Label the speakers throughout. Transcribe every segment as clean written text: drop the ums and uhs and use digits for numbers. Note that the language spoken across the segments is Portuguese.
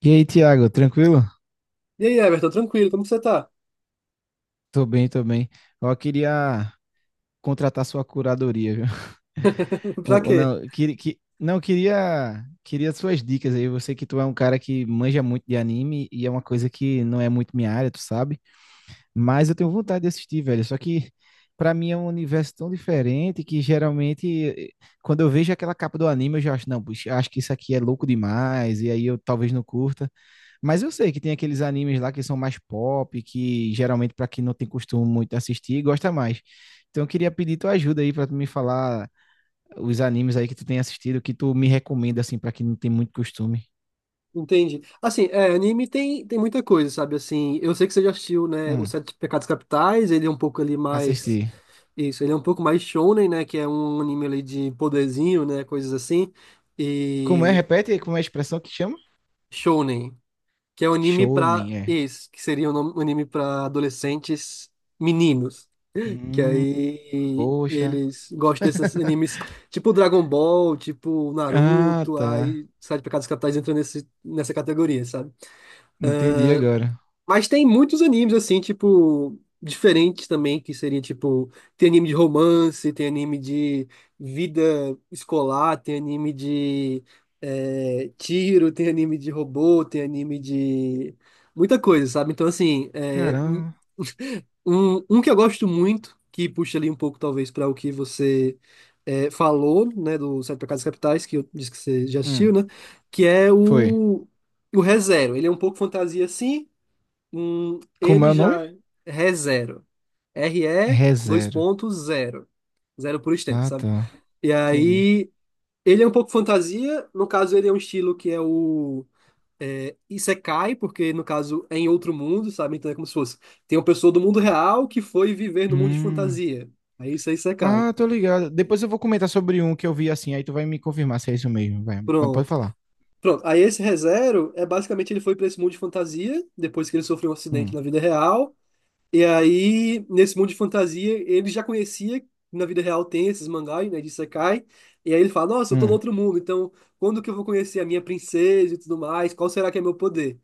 Speaker 1: E aí, Thiago, tranquilo?
Speaker 2: E aí, Everton, tranquilo, como que você tá?
Speaker 1: Tô bem, tô bem. Ó, queria contratar sua curadoria, viu?
Speaker 2: Pra
Speaker 1: Ou
Speaker 2: quê?
Speaker 1: não, não, queria suas dicas aí. Eu sei que tu é um cara que manja muito de anime e é uma coisa que não é muito minha área, tu sabe? Mas eu tenho vontade de assistir, velho. Só que pra mim é um universo tão diferente que geralmente quando eu vejo aquela capa do anime eu já acho, não, puxa, acho que isso aqui é louco demais e aí eu talvez não curta. Mas eu sei que tem aqueles animes lá que são mais pop, que geralmente para quem não tem costume muito assistir, gosta mais. Então eu queria pedir tua ajuda aí para tu me falar os animes aí que tu tem assistido, que tu me recomenda assim para quem não tem muito costume.
Speaker 2: Entendi. Assim, é, anime tem muita coisa, sabe? Assim, eu sei que você já assistiu, né, Os
Speaker 1: Hum,
Speaker 2: Sete Pecados Capitais, ele é um pouco ali mais...
Speaker 1: assistir.
Speaker 2: Isso, ele é um pouco mais shonen, né, que é um anime ali de poderzinho, né, coisas assim.
Speaker 1: Como é?
Speaker 2: E
Speaker 1: Repete, como é a expressão que chama?
Speaker 2: shonen, que é um anime pra...
Speaker 1: Shonen, é.
Speaker 2: Isso, que seria um anime pra adolescentes meninos. Que
Speaker 1: Hum,
Speaker 2: aí
Speaker 1: poxa.
Speaker 2: eles gostam desses animes tipo Dragon Ball, tipo
Speaker 1: Ah,
Speaker 2: Naruto,
Speaker 1: tá.
Speaker 2: aí Sete Pecados Capitais entra nesse, nessa categoria, sabe?
Speaker 1: Entendi agora.
Speaker 2: Mas tem muitos animes assim, tipo, diferentes também, que seria tipo, tem anime de romance, tem anime de vida escolar, tem anime de tiro, tem anime de robô, tem anime de muita coisa, sabe? Então, assim, é,
Speaker 1: Caramba.
Speaker 2: um que eu gosto muito, que puxa ali um pouco, talvez, para o que você falou, né, do Sete Pecados Capitais, que eu disse que você já assistiu,
Speaker 1: Hum,
Speaker 2: né? Que é
Speaker 1: foi.
Speaker 2: o ReZero. Ele é um pouco fantasia, sim.
Speaker 1: Como é
Speaker 2: Ele
Speaker 1: o nome?
Speaker 2: já. É ReZero. R e dois
Speaker 1: ReZero.
Speaker 2: pontos, zero. Zero por extenso,
Speaker 1: Ah,
Speaker 2: sabe?
Speaker 1: tá.
Speaker 2: E
Speaker 1: Entendi.
Speaker 2: aí. Ele é um pouco fantasia. No caso, ele é um estilo que é o. É, Isekai, porque no caso é em outro mundo, sabe? Então é como se fosse. Tem uma pessoa do mundo real que foi viver no mundo de
Speaker 1: Hum.
Speaker 2: fantasia. Aí isso é Isekai.
Speaker 1: Ah, tô ligado. Depois eu vou comentar sobre um que eu vi assim, aí tu vai me confirmar se é isso mesmo, vai. Mas pode
Speaker 2: Pronto.
Speaker 1: falar.
Speaker 2: Pronto. Aí esse ReZero é basicamente ele foi para esse mundo de fantasia, depois que ele sofreu um acidente
Speaker 1: Hum,
Speaker 2: na vida real. E aí, nesse mundo de fantasia, ele já conhecia, que na vida real tem esses mangás, né, de Isekai. E aí ele fala: Nossa, eu tô no
Speaker 1: hum.
Speaker 2: outro mundo, então quando que eu vou conhecer a minha princesa e tudo mais? Qual será que é meu poder?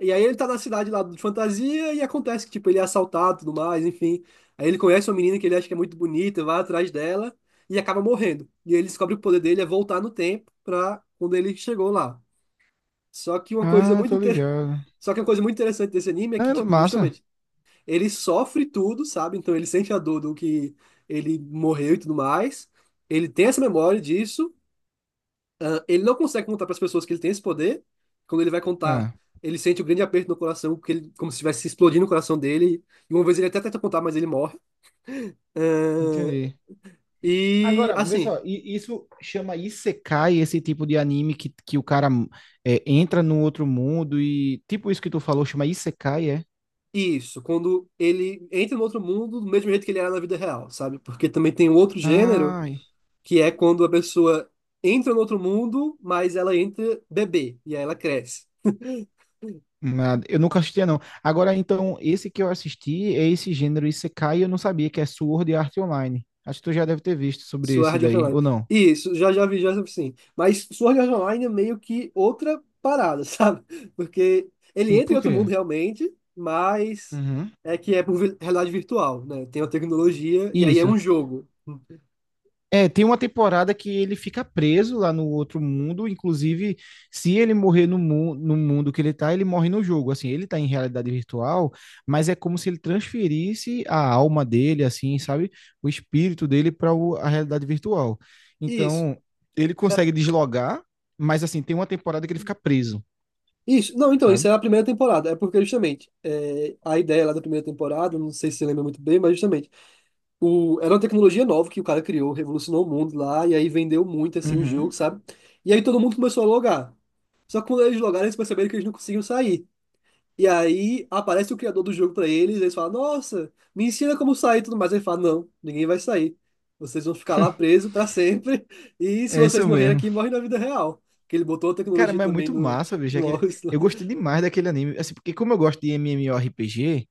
Speaker 2: E aí ele tá na cidade lá de fantasia e acontece que, tipo, ele é assaltado e tudo mais, enfim. Aí ele conhece uma menina que ele acha que é muito bonita, vai atrás dela e acaba morrendo. E ele descobre que o poder dele é voltar no tempo pra quando ele chegou lá. Só que uma coisa
Speaker 1: Ah,
Speaker 2: muito
Speaker 1: tô
Speaker 2: inter...
Speaker 1: ligado.
Speaker 2: Só que uma coisa muito interessante desse anime é que,
Speaker 1: Ah,
Speaker 2: tipo,
Speaker 1: massa.
Speaker 2: justamente, ele sofre tudo, sabe? Então ele sente a dor do que ele morreu e tudo mais. Ele tem essa memória disso. Ele não consegue contar para as pessoas que ele tem esse poder. Quando ele vai contar,
Speaker 1: Ah,
Speaker 2: ele sente um grande aperto no coração, porque ele, como se estivesse explodindo o coração dele. E uma vez ele até tenta contar, mas ele morre. É.
Speaker 1: entendi.
Speaker 2: E
Speaker 1: Agora, vê
Speaker 2: assim,
Speaker 1: só, isso chama Isekai, esse tipo de anime que o cara entra no outro mundo e tipo isso que tu falou, chama Isekai, é?
Speaker 2: isso, quando ele entra no outro mundo do mesmo jeito que ele era na vida real, sabe? Porque também tem um outro gênero,
Speaker 1: Ai,
Speaker 2: que é quando a pessoa entra no outro mundo, mas ela entra bebê, e aí ela cresce.
Speaker 1: nada. Eu nunca assistia, não. Agora, então, esse que eu assisti é esse gênero Isekai, eu não sabia que é Sword Art Online. Acho que tu já deve ter visto sobre esse
Speaker 2: Sword Art
Speaker 1: daí,
Speaker 2: Online.
Speaker 1: ou não?
Speaker 2: Isso, já já vi, já sim. Mas Sword Art Online é meio que outra parada, sabe? Porque ele entra em
Speaker 1: Por
Speaker 2: outro mundo
Speaker 1: quê?
Speaker 2: realmente, mas
Speaker 1: Uhum.
Speaker 2: é que é por vi- realidade virtual, né? Tem uma tecnologia e aí é
Speaker 1: Isso.
Speaker 2: um jogo.
Speaker 1: É, tem uma temporada que ele fica preso lá no outro mundo, inclusive, se ele morrer no mundo que ele tá, ele morre no jogo. Assim, ele tá em realidade virtual, mas é como se ele transferisse a alma dele, assim, sabe? O espírito dele para a realidade virtual.
Speaker 2: Isso.
Speaker 1: Então, ele
Speaker 2: É,
Speaker 1: consegue deslogar, mas assim, tem uma temporada que ele fica preso,
Speaker 2: isso. Não, então, isso
Speaker 1: sabe?
Speaker 2: é a primeira temporada. É porque, justamente, é, a ideia lá da primeira temporada, não sei se você lembra muito bem, mas justamente, o, era uma tecnologia nova que o cara criou, revolucionou o mundo lá, e aí vendeu muito, assim, o jogo,
Speaker 1: Uhum.
Speaker 2: sabe? E aí todo mundo começou a logar. Só que quando eles logaram, eles perceberam que eles não conseguiam sair. E aí aparece o criador do jogo pra eles, eles falam, nossa, me ensina como sair e tudo mais. Ele fala, não, ninguém vai sair. Vocês vão ficar lá presos pra sempre. E se
Speaker 1: É
Speaker 2: vocês
Speaker 1: isso
Speaker 2: morrerem
Speaker 1: mesmo.
Speaker 2: aqui, morrem na vida real. Que ele botou a
Speaker 1: Cara,
Speaker 2: tecnologia
Speaker 1: mas é
Speaker 2: também
Speaker 1: muito
Speaker 2: no,
Speaker 1: massa, bicho. É
Speaker 2: no
Speaker 1: que
Speaker 2: Oculus lá.
Speaker 1: Eu gostei demais daquele anime. Assim, porque como eu gosto de MMORPG,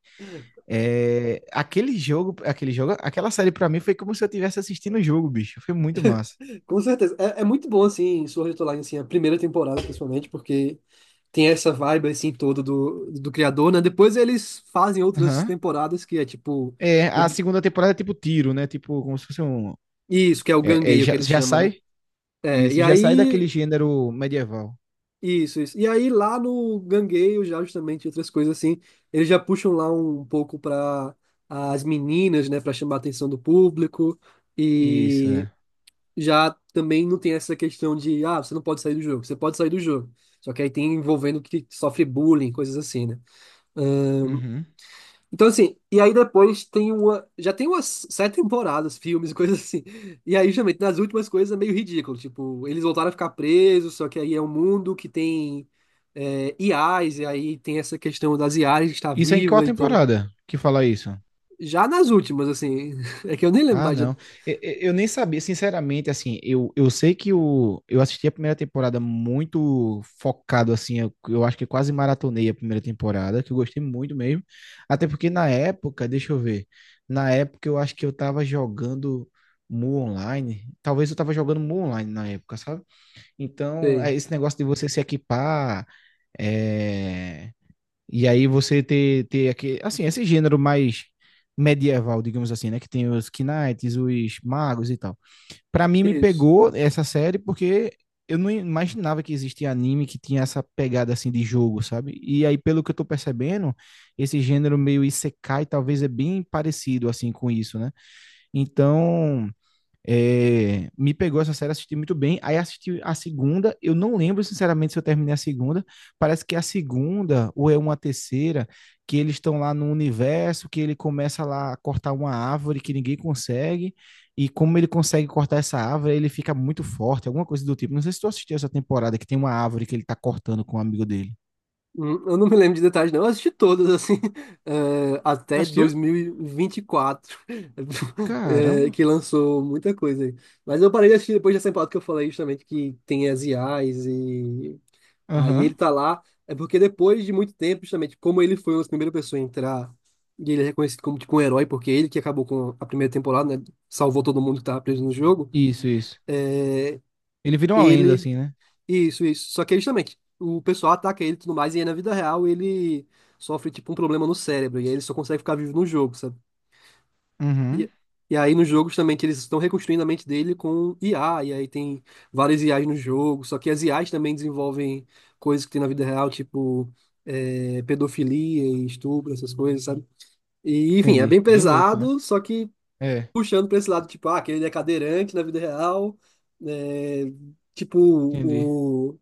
Speaker 1: aquele jogo, aquela série pra mim foi como se eu estivesse assistindo o jogo, bicho. Foi muito massa.
Speaker 2: Com certeza. É muito bom, assim, Sword Art Online, assim, a primeira temporada, principalmente, porque tem essa vibe, assim, toda do criador, né? Depois eles fazem outras
Speaker 1: Aham.
Speaker 2: temporadas que é tipo...
Speaker 1: É, a
Speaker 2: O,
Speaker 1: segunda temporada é tipo tiro, né? Tipo, como se fosse um.
Speaker 2: isso, que é o
Speaker 1: É, é,
Speaker 2: Gangueio, que
Speaker 1: já,
Speaker 2: ele
Speaker 1: já
Speaker 2: chama, né?
Speaker 1: sai?
Speaker 2: É, e
Speaker 1: Isso, já sai daquele
Speaker 2: aí.
Speaker 1: gênero medieval.
Speaker 2: Isso, isso. E aí lá no Gangueio, já justamente outras coisas assim, eles já puxam lá um pouco para as meninas, né, para chamar a atenção do público
Speaker 1: Isso,
Speaker 2: e
Speaker 1: é.
Speaker 2: já também não tem essa questão de, ah, você não pode sair do jogo, você pode sair do jogo. Só que aí tem envolvendo que sofre bullying, coisas assim, né?
Speaker 1: Uhum.
Speaker 2: Então, assim, e aí depois tem uma. Já tem umas sete temporadas, filmes, e coisas assim. E aí, justamente, nas últimas coisas é meio ridículo. Tipo, eles voltaram a ficar presos, só que aí é um mundo que tem IAs, e aí tem essa questão das IAs que está
Speaker 1: Isso é em qual
Speaker 2: viva. Então,
Speaker 1: temporada que fala isso?
Speaker 2: já nas últimas, assim. É que eu nem lembro
Speaker 1: Ah,
Speaker 2: mais. Já...
Speaker 1: não. Eu nem sabia, sinceramente, assim, eu sei que o, eu assisti a primeira temporada muito focado, assim, eu acho que quase maratonei a primeira temporada, que eu gostei muito mesmo. Até porque na época, deixa eu ver, na época eu acho que eu tava jogando Mu Online, talvez eu tava jogando Mu Online na época, sabe? Então, é
Speaker 2: Sei.
Speaker 1: esse negócio de você se equipar, é... E aí você ter aquele, assim, esse gênero mais medieval, digamos assim, né? Que tem os knights, os magos e tal. Pra mim me
Speaker 2: Isso.
Speaker 1: pegou essa série porque eu não imaginava que existia anime que tinha essa pegada assim de jogo, sabe? E aí, pelo que eu tô percebendo, esse gênero meio isekai talvez é bem parecido assim com isso, né? Então, me pegou essa série, assisti muito bem. Aí assisti a segunda. Eu não lembro, sinceramente, se eu terminei a segunda. Parece que é a segunda, ou é uma terceira, que eles estão lá no universo, que ele começa lá a cortar uma árvore que ninguém consegue. E como ele consegue cortar essa árvore, ele fica muito forte, alguma coisa do tipo. Não sei se tu assistiu essa temporada que tem uma árvore que ele tá cortando com um amigo dele.
Speaker 2: Eu não me lembro de detalhes, não. Eu assisti todas, assim,
Speaker 1: Tu
Speaker 2: até
Speaker 1: assistiu?
Speaker 2: 2024,
Speaker 1: Caramba.
Speaker 2: que lançou muita coisa aí. Mas eu parei de assistir depois dessa temporada que eu falei justamente que tem as I as e aí
Speaker 1: Aham.
Speaker 2: ele tá lá. É porque depois de muito tempo, justamente, como ele foi uma das primeiras pessoas a entrar e ele é reconhecido como tipo um herói, porque ele que acabou com a primeira temporada, né? Salvou todo mundo que tava preso no jogo.
Speaker 1: Isso, isso. Ele vira uma lenda,
Speaker 2: Ele
Speaker 1: assim, né?
Speaker 2: Isso, isso. Só que aí, justamente, o pessoal ataca ele e tudo mais, e aí na vida real ele sofre tipo um problema no cérebro, e aí ele só consegue ficar vivo no jogo, sabe?
Speaker 1: Uhum.
Speaker 2: E, e aí nos jogos também que eles estão reconstruindo a mente dele com IA, e aí tem várias IAs no jogo, só que as IAs também desenvolvem coisas que tem na vida real, tipo pedofilia e estupro, essas coisas, sabe? E enfim, é bem
Speaker 1: Entendi. Bem louco, né?
Speaker 2: pesado, só que
Speaker 1: É,
Speaker 2: puxando pra esse lado, tipo, ah, aquele é cadeirante na vida real, é, tipo,
Speaker 1: entendi.
Speaker 2: o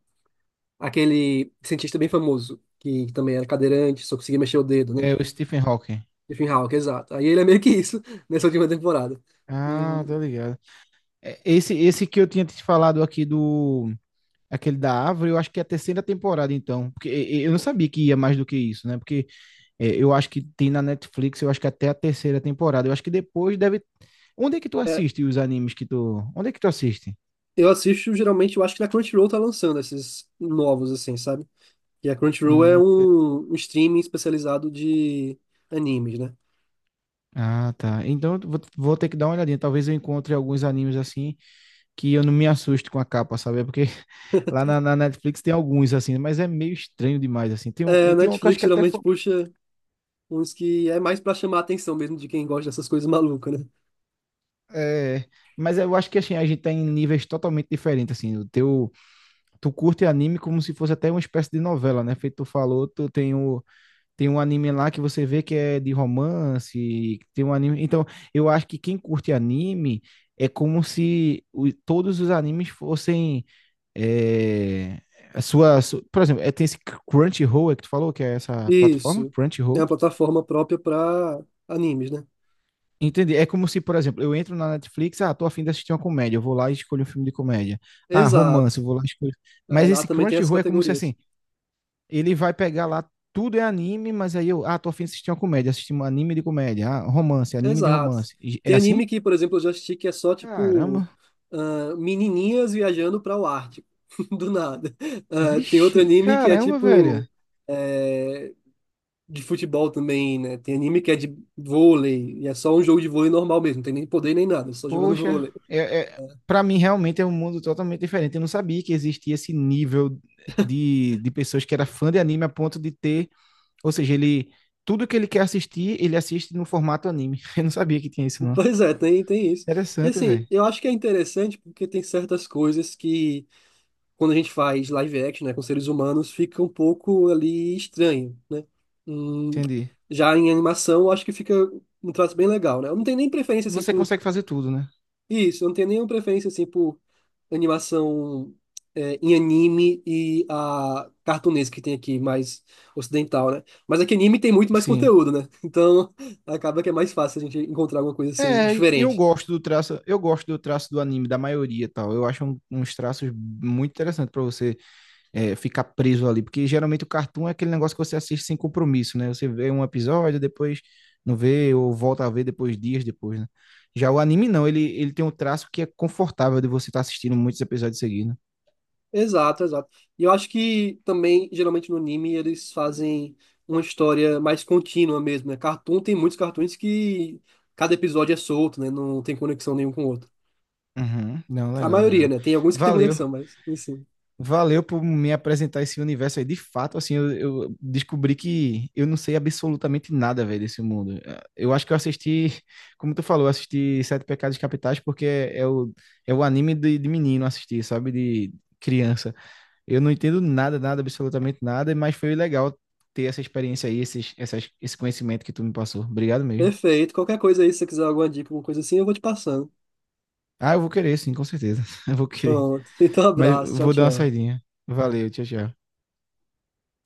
Speaker 2: aquele cientista bem famoso, que também era cadeirante, só conseguia mexer o dedo, né?
Speaker 1: É o Stephen Hawking.
Speaker 2: Stephen Hawking, exato. Aí ele é meio que isso nessa última temporada.
Speaker 1: Ah, tá
Speaker 2: Hum,
Speaker 1: ligado. É, esse, que eu tinha te falado aqui do. Aquele da árvore, eu acho que é a terceira temporada, então. Porque eu não sabia que ia mais do que isso, né? Porque é, eu acho que tem na Netflix, eu acho que até a terceira temporada. Eu acho que depois deve. Onde é que tu
Speaker 2: é,
Speaker 1: assiste os animes que tu. Onde é que tu assiste?
Speaker 2: eu assisto geralmente, eu acho que na Crunchyroll tá lançando esses novos, assim, sabe? E a Crunchyroll é
Speaker 1: Hum,
Speaker 2: um streaming especializado de animes, né?
Speaker 1: Ah, tá. Então eu vou ter que dar uma olhadinha. Talvez eu encontre alguns animes assim que eu não me assusto com a capa, sabe? É porque lá na Netflix tem alguns, assim, mas é meio estranho demais, assim.
Speaker 2: É, a
Speaker 1: Tem um que eu acho
Speaker 2: Netflix
Speaker 1: que é até
Speaker 2: geralmente
Speaker 1: foi.
Speaker 2: puxa uns que é mais pra chamar a atenção mesmo de quem gosta dessas coisas malucas, né?
Speaker 1: É, mas eu acho que assim, a gente tá em níveis totalmente diferentes, assim. O teu, tu curte anime como se fosse até uma espécie de novela, né? Feito tu falou, tu tem o, tem um anime lá que você vê que é de romance, tem um anime. Então, eu acho que quem curte anime é como se todos os animes fossem é, a sua, por exemplo, tem esse Crunchyroll é que tu falou, que é essa plataforma,
Speaker 2: Isso. É uma
Speaker 1: Crunchyroll.
Speaker 2: plataforma própria pra animes, né?
Speaker 1: Entendi. É como se, por exemplo, eu entro na Netflix, ah, tô a fim de assistir uma comédia, eu vou lá e escolho um filme de comédia. Ah,
Speaker 2: Exato.
Speaker 1: romance, eu vou lá e escolho.
Speaker 2: Aí
Speaker 1: Mas
Speaker 2: lá
Speaker 1: esse
Speaker 2: também tem essas
Speaker 1: Crunchyroll é como se
Speaker 2: categorias.
Speaker 1: assim, ele vai pegar lá, tudo é anime, mas aí eu, ah, tô afim de assistir uma comédia, assistir um anime de comédia, ah, romance, anime de
Speaker 2: Exato.
Speaker 1: romance. É
Speaker 2: Tem
Speaker 1: assim?
Speaker 2: anime que, por exemplo, eu já assisti que é só tipo
Speaker 1: Caramba.
Speaker 2: ah, menininhas viajando para o Ártico, do nada. Ah, tem outro
Speaker 1: Vixe,
Speaker 2: anime que é
Speaker 1: caramba,
Speaker 2: tipo
Speaker 1: velho.
Speaker 2: é, de futebol também, né? Tem anime que é de vôlei e é só um jogo de vôlei normal mesmo, não tem nem poder nem nada, só jogando
Speaker 1: Poxa,
Speaker 2: vôlei.
Speaker 1: é, é, para mim realmente é um mundo totalmente diferente. Eu não sabia que existia esse nível de pessoas que era fã de anime a ponto de ter, ou seja, ele tudo que ele quer assistir, ele assiste no formato anime. Eu não sabia que tinha isso, não.
Speaker 2: Pois é, tem isso. E
Speaker 1: Interessante,
Speaker 2: assim,
Speaker 1: velho.
Speaker 2: eu acho que é interessante porque tem certas coisas que quando a gente faz live action, né, com seres humanos, fica um pouco ali estranho, né? Hum,
Speaker 1: Entendi.
Speaker 2: já em animação, eu acho que fica um traço bem legal, né? Eu não tenho nem preferência assim
Speaker 1: Você
Speaker 2: por
Speaker 1: consegue fazer tudo, né?
Speaker 2: isso, eu não tenho nenhuma preferência assim por animação em anime e a cartunesa que tem aqui, mais ocidental, né? Mas aqui anime tem muito mais
Speaker 1: Sim.
Speaker 2: conteúdo, né? Então acaba que é mais fácil a gente encontrar alguma coisa assim
Speaker 1: É, eu
Speaker 2: diferente.
Speaker 1: gosto do traço, eu gosto do traço do anime, da maioria e tal. Eu acho uns traços muito interessantes pra você ficar preso ali, porque geralmente o cartoon é aquele negócio que você assiste sem compromisso, né? Você vê um episódio, depois não vê, ou volta a ver depois, dias depois, né? Já o anime não, ele tem um traço que é confortável de você estar assistindo muitos episódios seguidos.
Speaker 2: Exato, exato. E eu acho que também, geralmente no anime, eles fazem uma história mais contínua mesmo, né? Cartoon tem muitos cartoons que cada episódio é solto, né? Não tem conexão nenhum com o outro.
Speaker 1: Uhum. Não,
Speaker 2: A
Speaker 1: legal,
Speaker 2: maioria,
Speaker 1: legal.
Speaker 2: né? Tem alguns que tem
Speaker 1: Valeu.
Speaker 2: conexão, mas enfim.
Speaker 1: Valeu por me apresentar esse universo aí. De fato, assim, eu descobri que eu não sei absolutamente nada, velho, desse mundo. Eh, eu acho que eu assisti, como tu falou, eu assisti Sete Pecados Capitais porque é o, é o anime de menino assistir, sabe? De criança. Eu não entendo nada, nada, absolutamente nada, mas foi legal ter essa experiência aí, esse conhecimento que tu me passou. Obrigado mesmo.
Speaker 2: Perfeito. Qualquer coisa aí, se você quiser alguma dica, alguma coisa assim, eu vou te passando.
Speaker 1: Ah, eu vou querer, sim, com certeza. Eu vou querer.
Speaker 2: Pronto. Então,
Speaker 1: Mas
Speaker 2: abraço.
Speaker 1: eu
Speaker 2: Tchau,
Speaker 1: vou dar uma
Speaker 2: tchau.
Speaker 1: saidinha. Valeu, tchau, tchau.